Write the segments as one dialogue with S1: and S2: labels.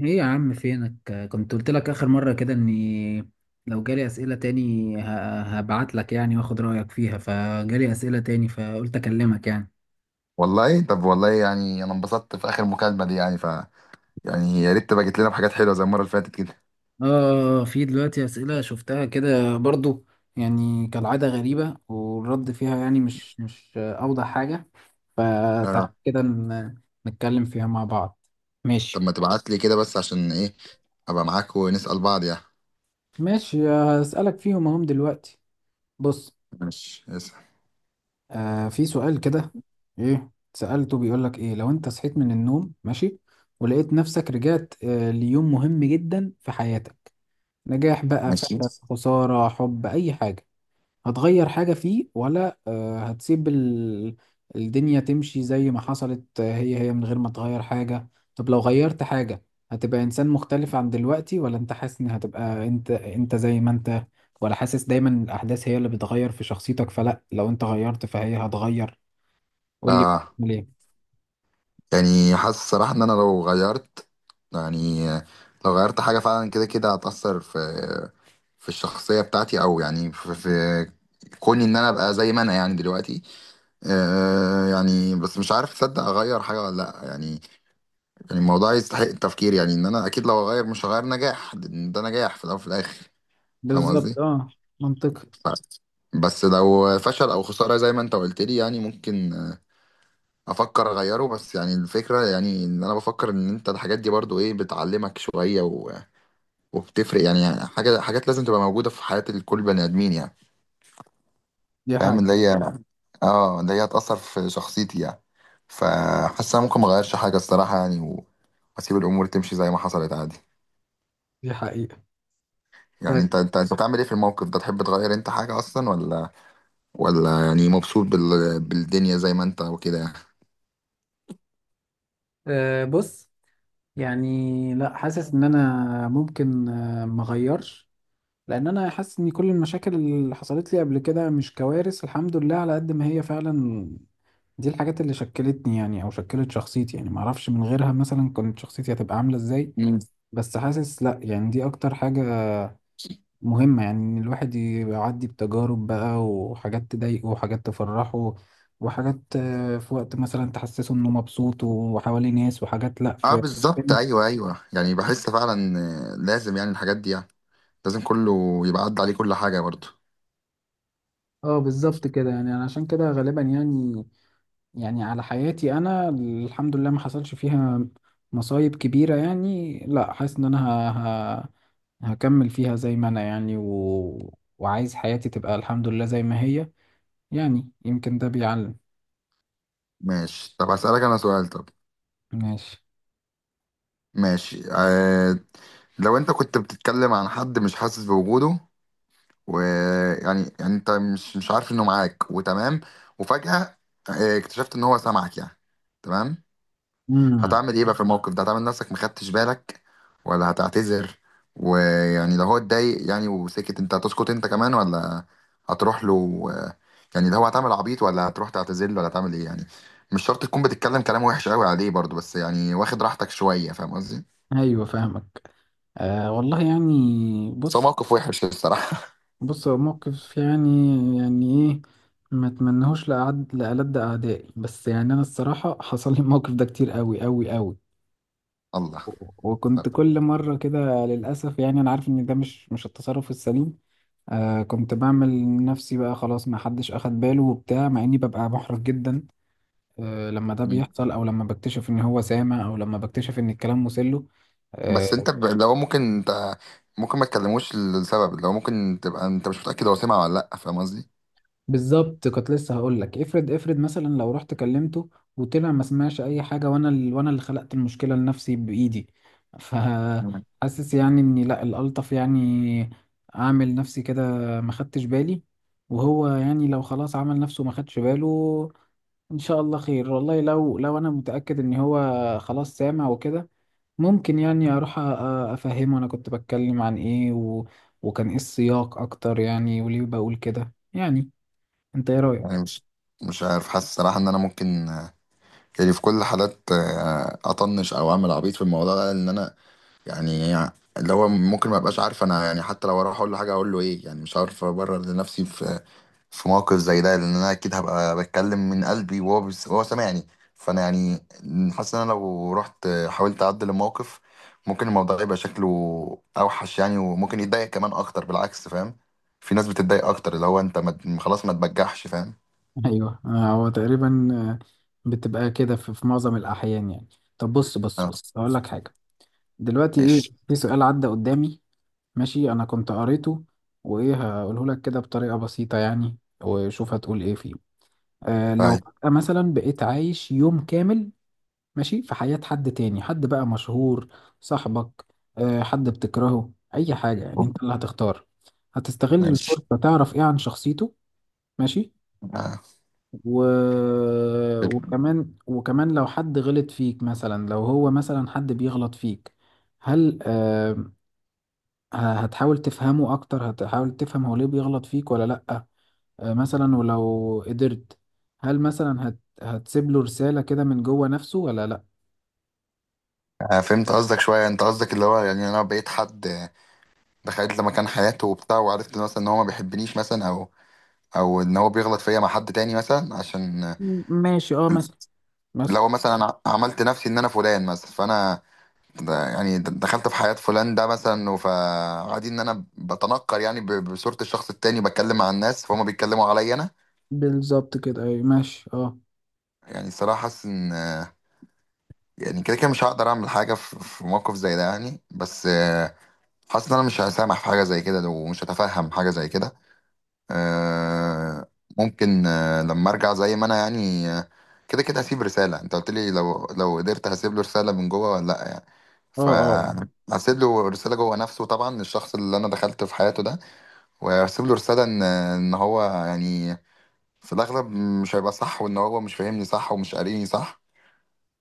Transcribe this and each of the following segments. S1: ايه يا عم، فينك؟ كنت قلت لك اخر مرة كده اني لو جالي اسئلة تاني هبعت لك يعني واخد رأيك فيها، فجالي اسئلة تاني فقلت اكلمك يعني.
S2: والله طب والله يعني انا انبسطت في اخر مكالمه دي يعني، ف يعني يا ريت تبقى جت لنا بحاجات حلوه زي المره اللي فاتت كده.
S1: اه، في دلوقتي اسئلة شفتها كده برضو، يعني كالعادة غريبة والرد فيها يعني مش اوضح حاجة. فتعال
S2: اه،
S1: كده نتكلم فيها مع بعض.
S2: طب
S1: ماشي.
S2: ما تبعت لي كده بس عشان ايه ابقى معاك ونسال بعض يعني.
S1: ماشي، هسألك فيهم اهم دلوقتي. بص.
S2: ماشي اسأل.
S1: في سؤال كده. ايه، سألته بيقول لك: ايه لو انت صحيت من النوم، ماشي، ولقيت نفسك رجعت ليوم مهم جدا في حياتك، نجاح بقى،
S2: ماشي،
S1: فشل، خسارة، حب، اي حاجة. هتغير حاجة فيه، ولا هتسيب الدنيا تمشي زي ما حصلت، هي هي من غير ما تغير حاجة؟ طب، لو غيرت حاجة، هتبقى انسان مختلف عن دلوقتي، ولا انت حاسس ان هتبقى انت انت زي ما انت؟ ولا حاسس دايما الاحداث هي اللي بتغير في شخصيتك، فلا لو انت غيرت فهي هتغير؟ قول لي،
S2: اه
S1: بتعمل ايه؟
S2: يعني حاسس الصراحه ان انا لو غيرت، يعني لو غيرت حاجه فعلا كده كده هتاثر في في الشخصيه بتاعتي او يعني في كوني ان انا ابقى زي ما انا يعني دلوقتي. يعني بس مش عارف تصدق اغير حاجه ولا لا يعني. يعني الموضوع يستحق التفكير، يعني ان انا اكيد لو هغير مش هغير نجاح، لأن ده نجاح في الاول وفي الاخر. فاهم
S1: بالظبط،
S2: قصدي؟
S1: اه. منطقي.
S2: ف- بس لو فشل او خساره زي ما انت قلت لي يعني ممكن افكر اغيره. بس يعني الفكره يعني ان انا بفكر ان انت الحاجات دي برضو ايه بتعلمك شويه وبتفرق يعني حاجه حاجات لازم تبقى موجوده في حياه الكل بني ادمين يعني.
S1: دي
S2: فاهم اللي
S1: حقيقة.
S2: هي، اه اللي هي هتاثر في شخصيتي يعني. فحاسس انا ممكن ما اغيرش حاجه الصراحه يعني واسيب الامور تمشي زي ما حصلت عادي.
S1: دي حقيقة.
S2: يعني انت
S1: طيب.
S2: بتعمل ايه في الموقف ده؟ تحب تغير انت حاجة اصلا ولا يعني مبسوط بالدنيا زي ما انت وكده يعني؟
S1: بص. يعني لا، حاسس ان انا ممكن ما اغيرش، لان انا حاسس ان كل المشاكل اللي حصلت لي قبل كده مش كوارث، الحمد لله، على قد ما هي فعلا. دي الحاجات اللي شكلتني يعني او شكلت شخصيتي، يعني ما اعرفش من غيرها مثلا كانت شخصيتي هتبقى عاملة ازاي.
S2: مم.
S1: بس حاسس لا، يعني دي اكتر حاجة مهمة، يعني إن الواحد يعدي بتجارب بقى، وحاجات تضايقه وحاجات تفرحه، وحاجات في وقت مثلا تحسسه إنه مبسوط وحواليه ناس، وحاجات لأ،
S2: اه
S1: في.
S2: بالظبط، ايوه، ايوه، يعني بحس فعلا. لازم يعني الحاجات دي يعني، لازم كله يبقى عدى عليه كل حاجة برضه.
S1: اه، بالظبط كده يعني، أنا عشان كده غالبا يعني، يعني على حياتي، أنا الحمد لله ما حصلش فيها مصايب كبيرة، يعني لأ، حاسس إن أنا ه... هكمل فيها زي ما أنا يعني وعايز حياتي تبقى الحمد لله زي ما هي. يعني يمكن ده بيعلم.
S2: ماشي طب هسألك انا سؤال، طب.
S1: ماشي.
S2: ماشي، لو انت كنت بتتكلم عن حد مش حاسس بوجوده، ويعني انت مش عارف انه معاك وتمام، وفجأة اكتشفت ان هو سامعك يعني. تمام.
S1: مم.
S2: هتعمل ايه بقى في الموقف ده؟ هتعمل نفسك مخدتش بالك، ولا هتعتذر؟ ويعني لو هو اتضايق يعني وسكت، انت هتسكت انت كمان، ولا هتروح له يعني لو هو هتعمل عبيط ولا هتروح تعتذر له ولا هتعمل ايه يعني؟ مش شرط تكون بتتكلم كلام وحش قوي عليه برضه، بس يعني واخد راحتك شوية، فاهم قصدي؟
S1: ايوه، فاهمك. والله يعني.
S2: بس هو
S1: بص،
S2: موقف وحش الصراحة.
S1: بص، هو موقف يعني، يعني ايه. ما اتمنهوش لأعد لألد أعدائي، بس يعني أنا الصراحة حصل لي الموقف ده كتير قوي قوي قوي.
S2: الله
S1: وكنت
S2: طب.
S1: كل مرة كده للأسف، يعني أنا عارف إن ده مش التصرف السليم. كنت بعمل نفسي بقى خلاص ما حدش أخد باله وبتاع، مع إني ببقى محرج جدا. لما ده
S2: مم.
S1: بيحصل، أو لما بكتشف إن هو سامع، أو لما بكتشف إن الكلام مسله.
S2: بس
S1: آه،
S2: انت لو ممكن انت، ممكن ما تكلموش لسبب، لو ممكن تبقى انت مش متأكد هو سمع ولا لا، فاهم قصدي؟
S1: بالظبط كنت لسه هقول لك، افرض افرض مثلا لو رحت كلمته وطلع ما سمعش اي حاجه، وانا وانا اللي خلقت المشكله لنفسي بايدي.
S2: مم.
S1: فحاسس يعني اني لا، الالطف يعني اعمل نفسي كده، ما خدتش بالي، وهو يعني لو خلاص عمل نفسه ما خدش باله. ان شاء الله خير، والله لو انا متاكد ان هو خلاص سامع وكده، ممكن يعني اروح افهمه، انا كنت بتكلم عن ايه وكان ايه السياق اكتر يعني، وليه بقول كده يعني. انت ايه رايك؟
S2: يعني مش عارف، حاسس صراحة ان انا ممكن يعني في كل الحالات اطنش او اعمل عبيط في الموضوع ده، لان انا يعني اللي هو ممكن ما ابقاش عارف انا يعني. حتى لو اروح اقول له حاجه، اقول له ايه يعني؟ مش عارف ابرر لنفسي في في موقف زي ده لان انا اكيد هبقى بتكلم من قلبي وهو بس وهو سامعني. فانا يعني حاسس ان انا لو رحت حاولت اعدل الموقف، ممكن الموضوع يبقى شكله اوحش يعني، وممكن يتضايق كمان اكتر بالعكس، فاهم؟ في ناس بتتضايق اكتر اللي هو انت ما خلاص ما تبجحش، فاهم؟
S1: ايوه، هو تقريبا بتبقى كده في معظم الاحيان يعني. طب، بص بص بص،
S2: خلاص.
S1: هقول لك حاجه. دلوقتي ايه،
S2: ماشي
S1: في سؤال عدى قدامي. ماشي، انا كنت قريته، وايه، هقوله لك كده بطريقه بسيطه يعني، وشوف هتقول ايه فيه. لو
S2: طيب.
S1: فجأة مثلا بقيت عايش يوم كامل، ماشي، في حياه حد تاني، حد بقى مشهور، صاحبك، حد بتكرهه، اي حاجه يعني انت اللي هتختار. هتستغل
S2: ماشي
S1: الفرصه تعرف ايه عن شخصيته؟ ماشي.
S2: آه.
S1: و... وكمان وكمان لو حد غلط فيك، مثلا لو هو مثلا حد بيغلط فيك، هل هتحاول تفهمه اكتر، هتحاول تفهم هو ليه بيغلط فيك ولا لأ؟ مثلا، ولو قدرت، هل مثلا هتسيب له رسالة كده من جوه نفسه ولا لأ؟
S2: أنا فهمت قصدك شوية. أنت قصدك اللي هو يعني أنا بقيت حد، دخلت مكان حياته وبتاع وعرفت مثلا إن هو ما بيحبنيش مثلا، أو أو إن هو بيغلط فيا مع حد تاني مثلا عشان
S1: ماشي، اه، مثلا. مثلا.
S2: لو مثلا أنا عملت نفسي إن أنا فلان مثلا، فأنا ده يعني دخلت في حياة فلان ده مثلا. فعادي إن أنا بتنكر يعني بصورة الشخص التاني بتكلم مع الناس، فهم بيتكلموا عليا أنا.
S1: بالظبط كده، اي، ماشي، اه.
S2: يعني الصراحة حاسس إن يعني كده كده مش هقدر أعمل حاجة في موقف زي ده يعني، بس حاسس إن أنا مش هسامح في حاجة زي كده ومش هتفهم حاجة زي كده. آه. ممكن لما ارجع زي ما انا يعني، كده كده هسيب رسالة. انت قلت لي لو قدرت هسيب له رسالة من جوه ولا لا يعني.
S1: اه، اه، آه.
S2: فهسيب له رسالة جوه نفسه، طبعا، الشخص اللي انا دخلت في حياته ده، وهسيب له رسالة ان هو يعني في الاغلب مش هيبقى صح، وان هو مش فاهمني صح ومش قاريني صح.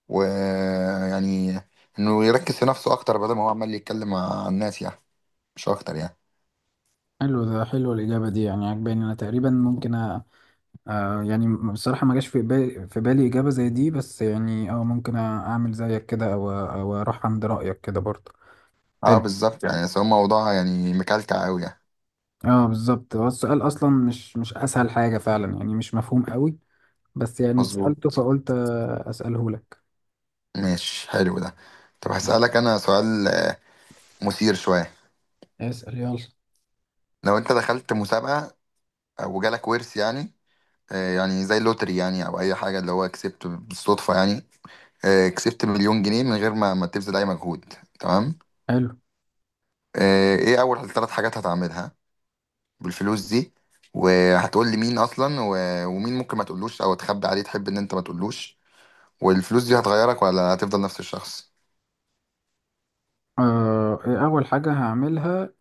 S2: ويعني انه يركز في نفسه اكتر بدل ما هو عمال يتكلم مع الناس يعني. مش اكتر يعني.
S1: حلو ده، حلو الإجابة دي يعني، عجباني، أنا تقريبا ممكن، يعني بصراحة ما جاش في بالي إجابة زي دي، بس يعني اه ممكن أعمل زيك كده، أو أروح عند رأيك كده برضه.
S2: اه
S1: حلو.
S2: بالظبط يعني، بس هو موضوع يعني مكلكع قوي يعني.
S1: اه، بالظبط هو السؤال أصلا مش أسهل حاجة فعلا يعني، مش مفهوم قوي. بس يعني اتسألته
S2: مظبوط.
S1: فقلت أسأله لك.
S2: ماشي حلو ده. طب هسألك أنا سؤال مثير شوية.
S1: اسأل يلا.
S2: لو أنت دخلت مسابقة وجالك ورث يعني، يعني زي اللوتري يعني أو أي حاجة اللي هو كسبت بالصدفة يعني. كسبت مليون جنيه من غير ما تبذل أي مجهود. تمام.
S1: حلو.
S2: إيه أول ثلاث حاجات هتعملها بالفلوس دي؟ وهتقول لي مين أصلا، ومين ممكن ما تقولوش أو تخبي عليه، تحب إن أنت ما تقولوش؟ والفلوس دي هتغيرك ولا هتفضل نفس الشخص؟
S1: إيه أول حاجة هعملها؟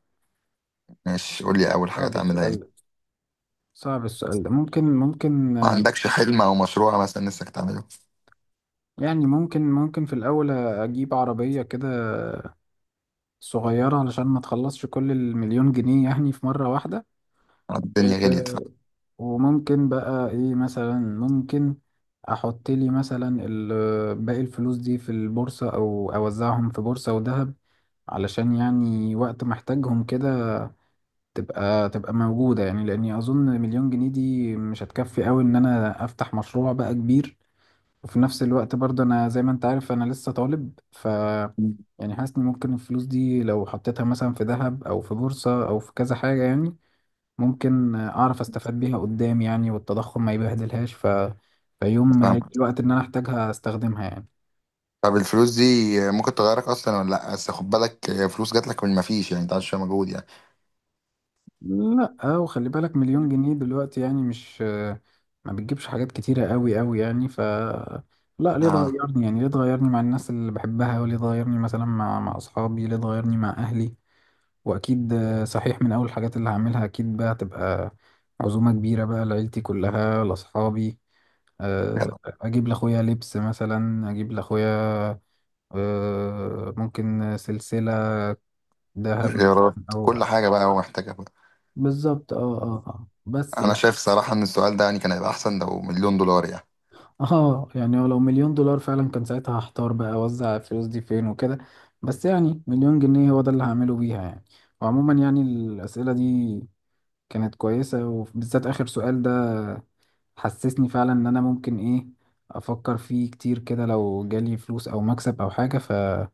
S2: ماشي قول لي أول حاجة
S1: صعب
S2: تعملها
S1: السؤال
S2: إيه.
S1: ده. صعب السؤال ده، ممكن
S2: ما عندكش حلم أو مشروع مثلا نفسك تعمله؟
S1: يعني ممكن في الأول أجيب عربية كده صغيرة، علشان ما تخلصش كل المليون جنيه يعني في مرة واحدة.
S2: الدنيا غليت،
S1: و-
S2: فاهم.
S1: وممكن بقى ايه، مثلا ممكن احط لي مثلا باقي الفلوس دي في البورصة، او اوزعهم في بورصة وذهب، علشان يعني وقت محتاجهم كده تبقى موجودة. يعني لاني اظن مليون جنيه دي مش هتكفي قوي ان انا افتح مشروع بقى كبير، وفي نفس الوقت برضه انا زي ما انت عارف انا لسه طالب. ف يعني حاسس ان ممكن الفلوس دي لو حطيتها مثلا في ذهب او في بورصة او في كذا حاجة يعني، ممكن اعرف استفاد بيها قدام، يعني والتضخم ما يبهدلهاش، ف فيوم ما يجي
S2: فاهم.
S1: الوقت ان انا احتاجها استخدمها يعني.
S2: طب الفلوس دي ممكن تغيرك اصلا ولا لا؟ بس خد بالك فلوس جات لك من ما فيش يعني، انت عايز شويه مجهود يعني.
S1: لا، وخلي بالك مليون جنيه دلوقتي يعني، مش ما بتجيبش حاجات كتيرة قوي قوي يعني. ف لا، ليه
S2: اه
S1: تغيرني يعني؟ ليه تغيرني مع الناس اللي بحبها، وليه تغيرني مثلا مع اصحابي، ليه تغيرني مع اهلي؟ واكيد صحيح، من اول الحاجات اللي هعملها اكيد بقى تبقى عزومة كبيرة بقى لعيلتي كلها، لاصحابي. اجيب لاخويا لبس مثلا، اجيب لاخويا ممكن سلسلة ذهب مثلا.
S2: غيرات
S1: أو،
S2: كل حاجه بقى هو محتاجها بقى.
S1: بالظبط، اه. اه، اه، بس
S2: انا شايف صراحه ان السؤال ده يعني كان هيبقى احسن لو مليون دولار يعني.
S1: اه، يعني لو مليون دولار فعلا كان ساعتها هحتار بقى اوزع الفلوس دي فين وكده. بس يعني مليون جنيه هو ده اللي هعمله بيها يعني. وعموما يعني الأسئلة دي كانت كويسة، وبالذات آخر سؤال ده حسسني فعلا ان انا ممكن ايه، افكر فيه كتير كده لو جالي فلوس او مكسب او حاجة فجامد.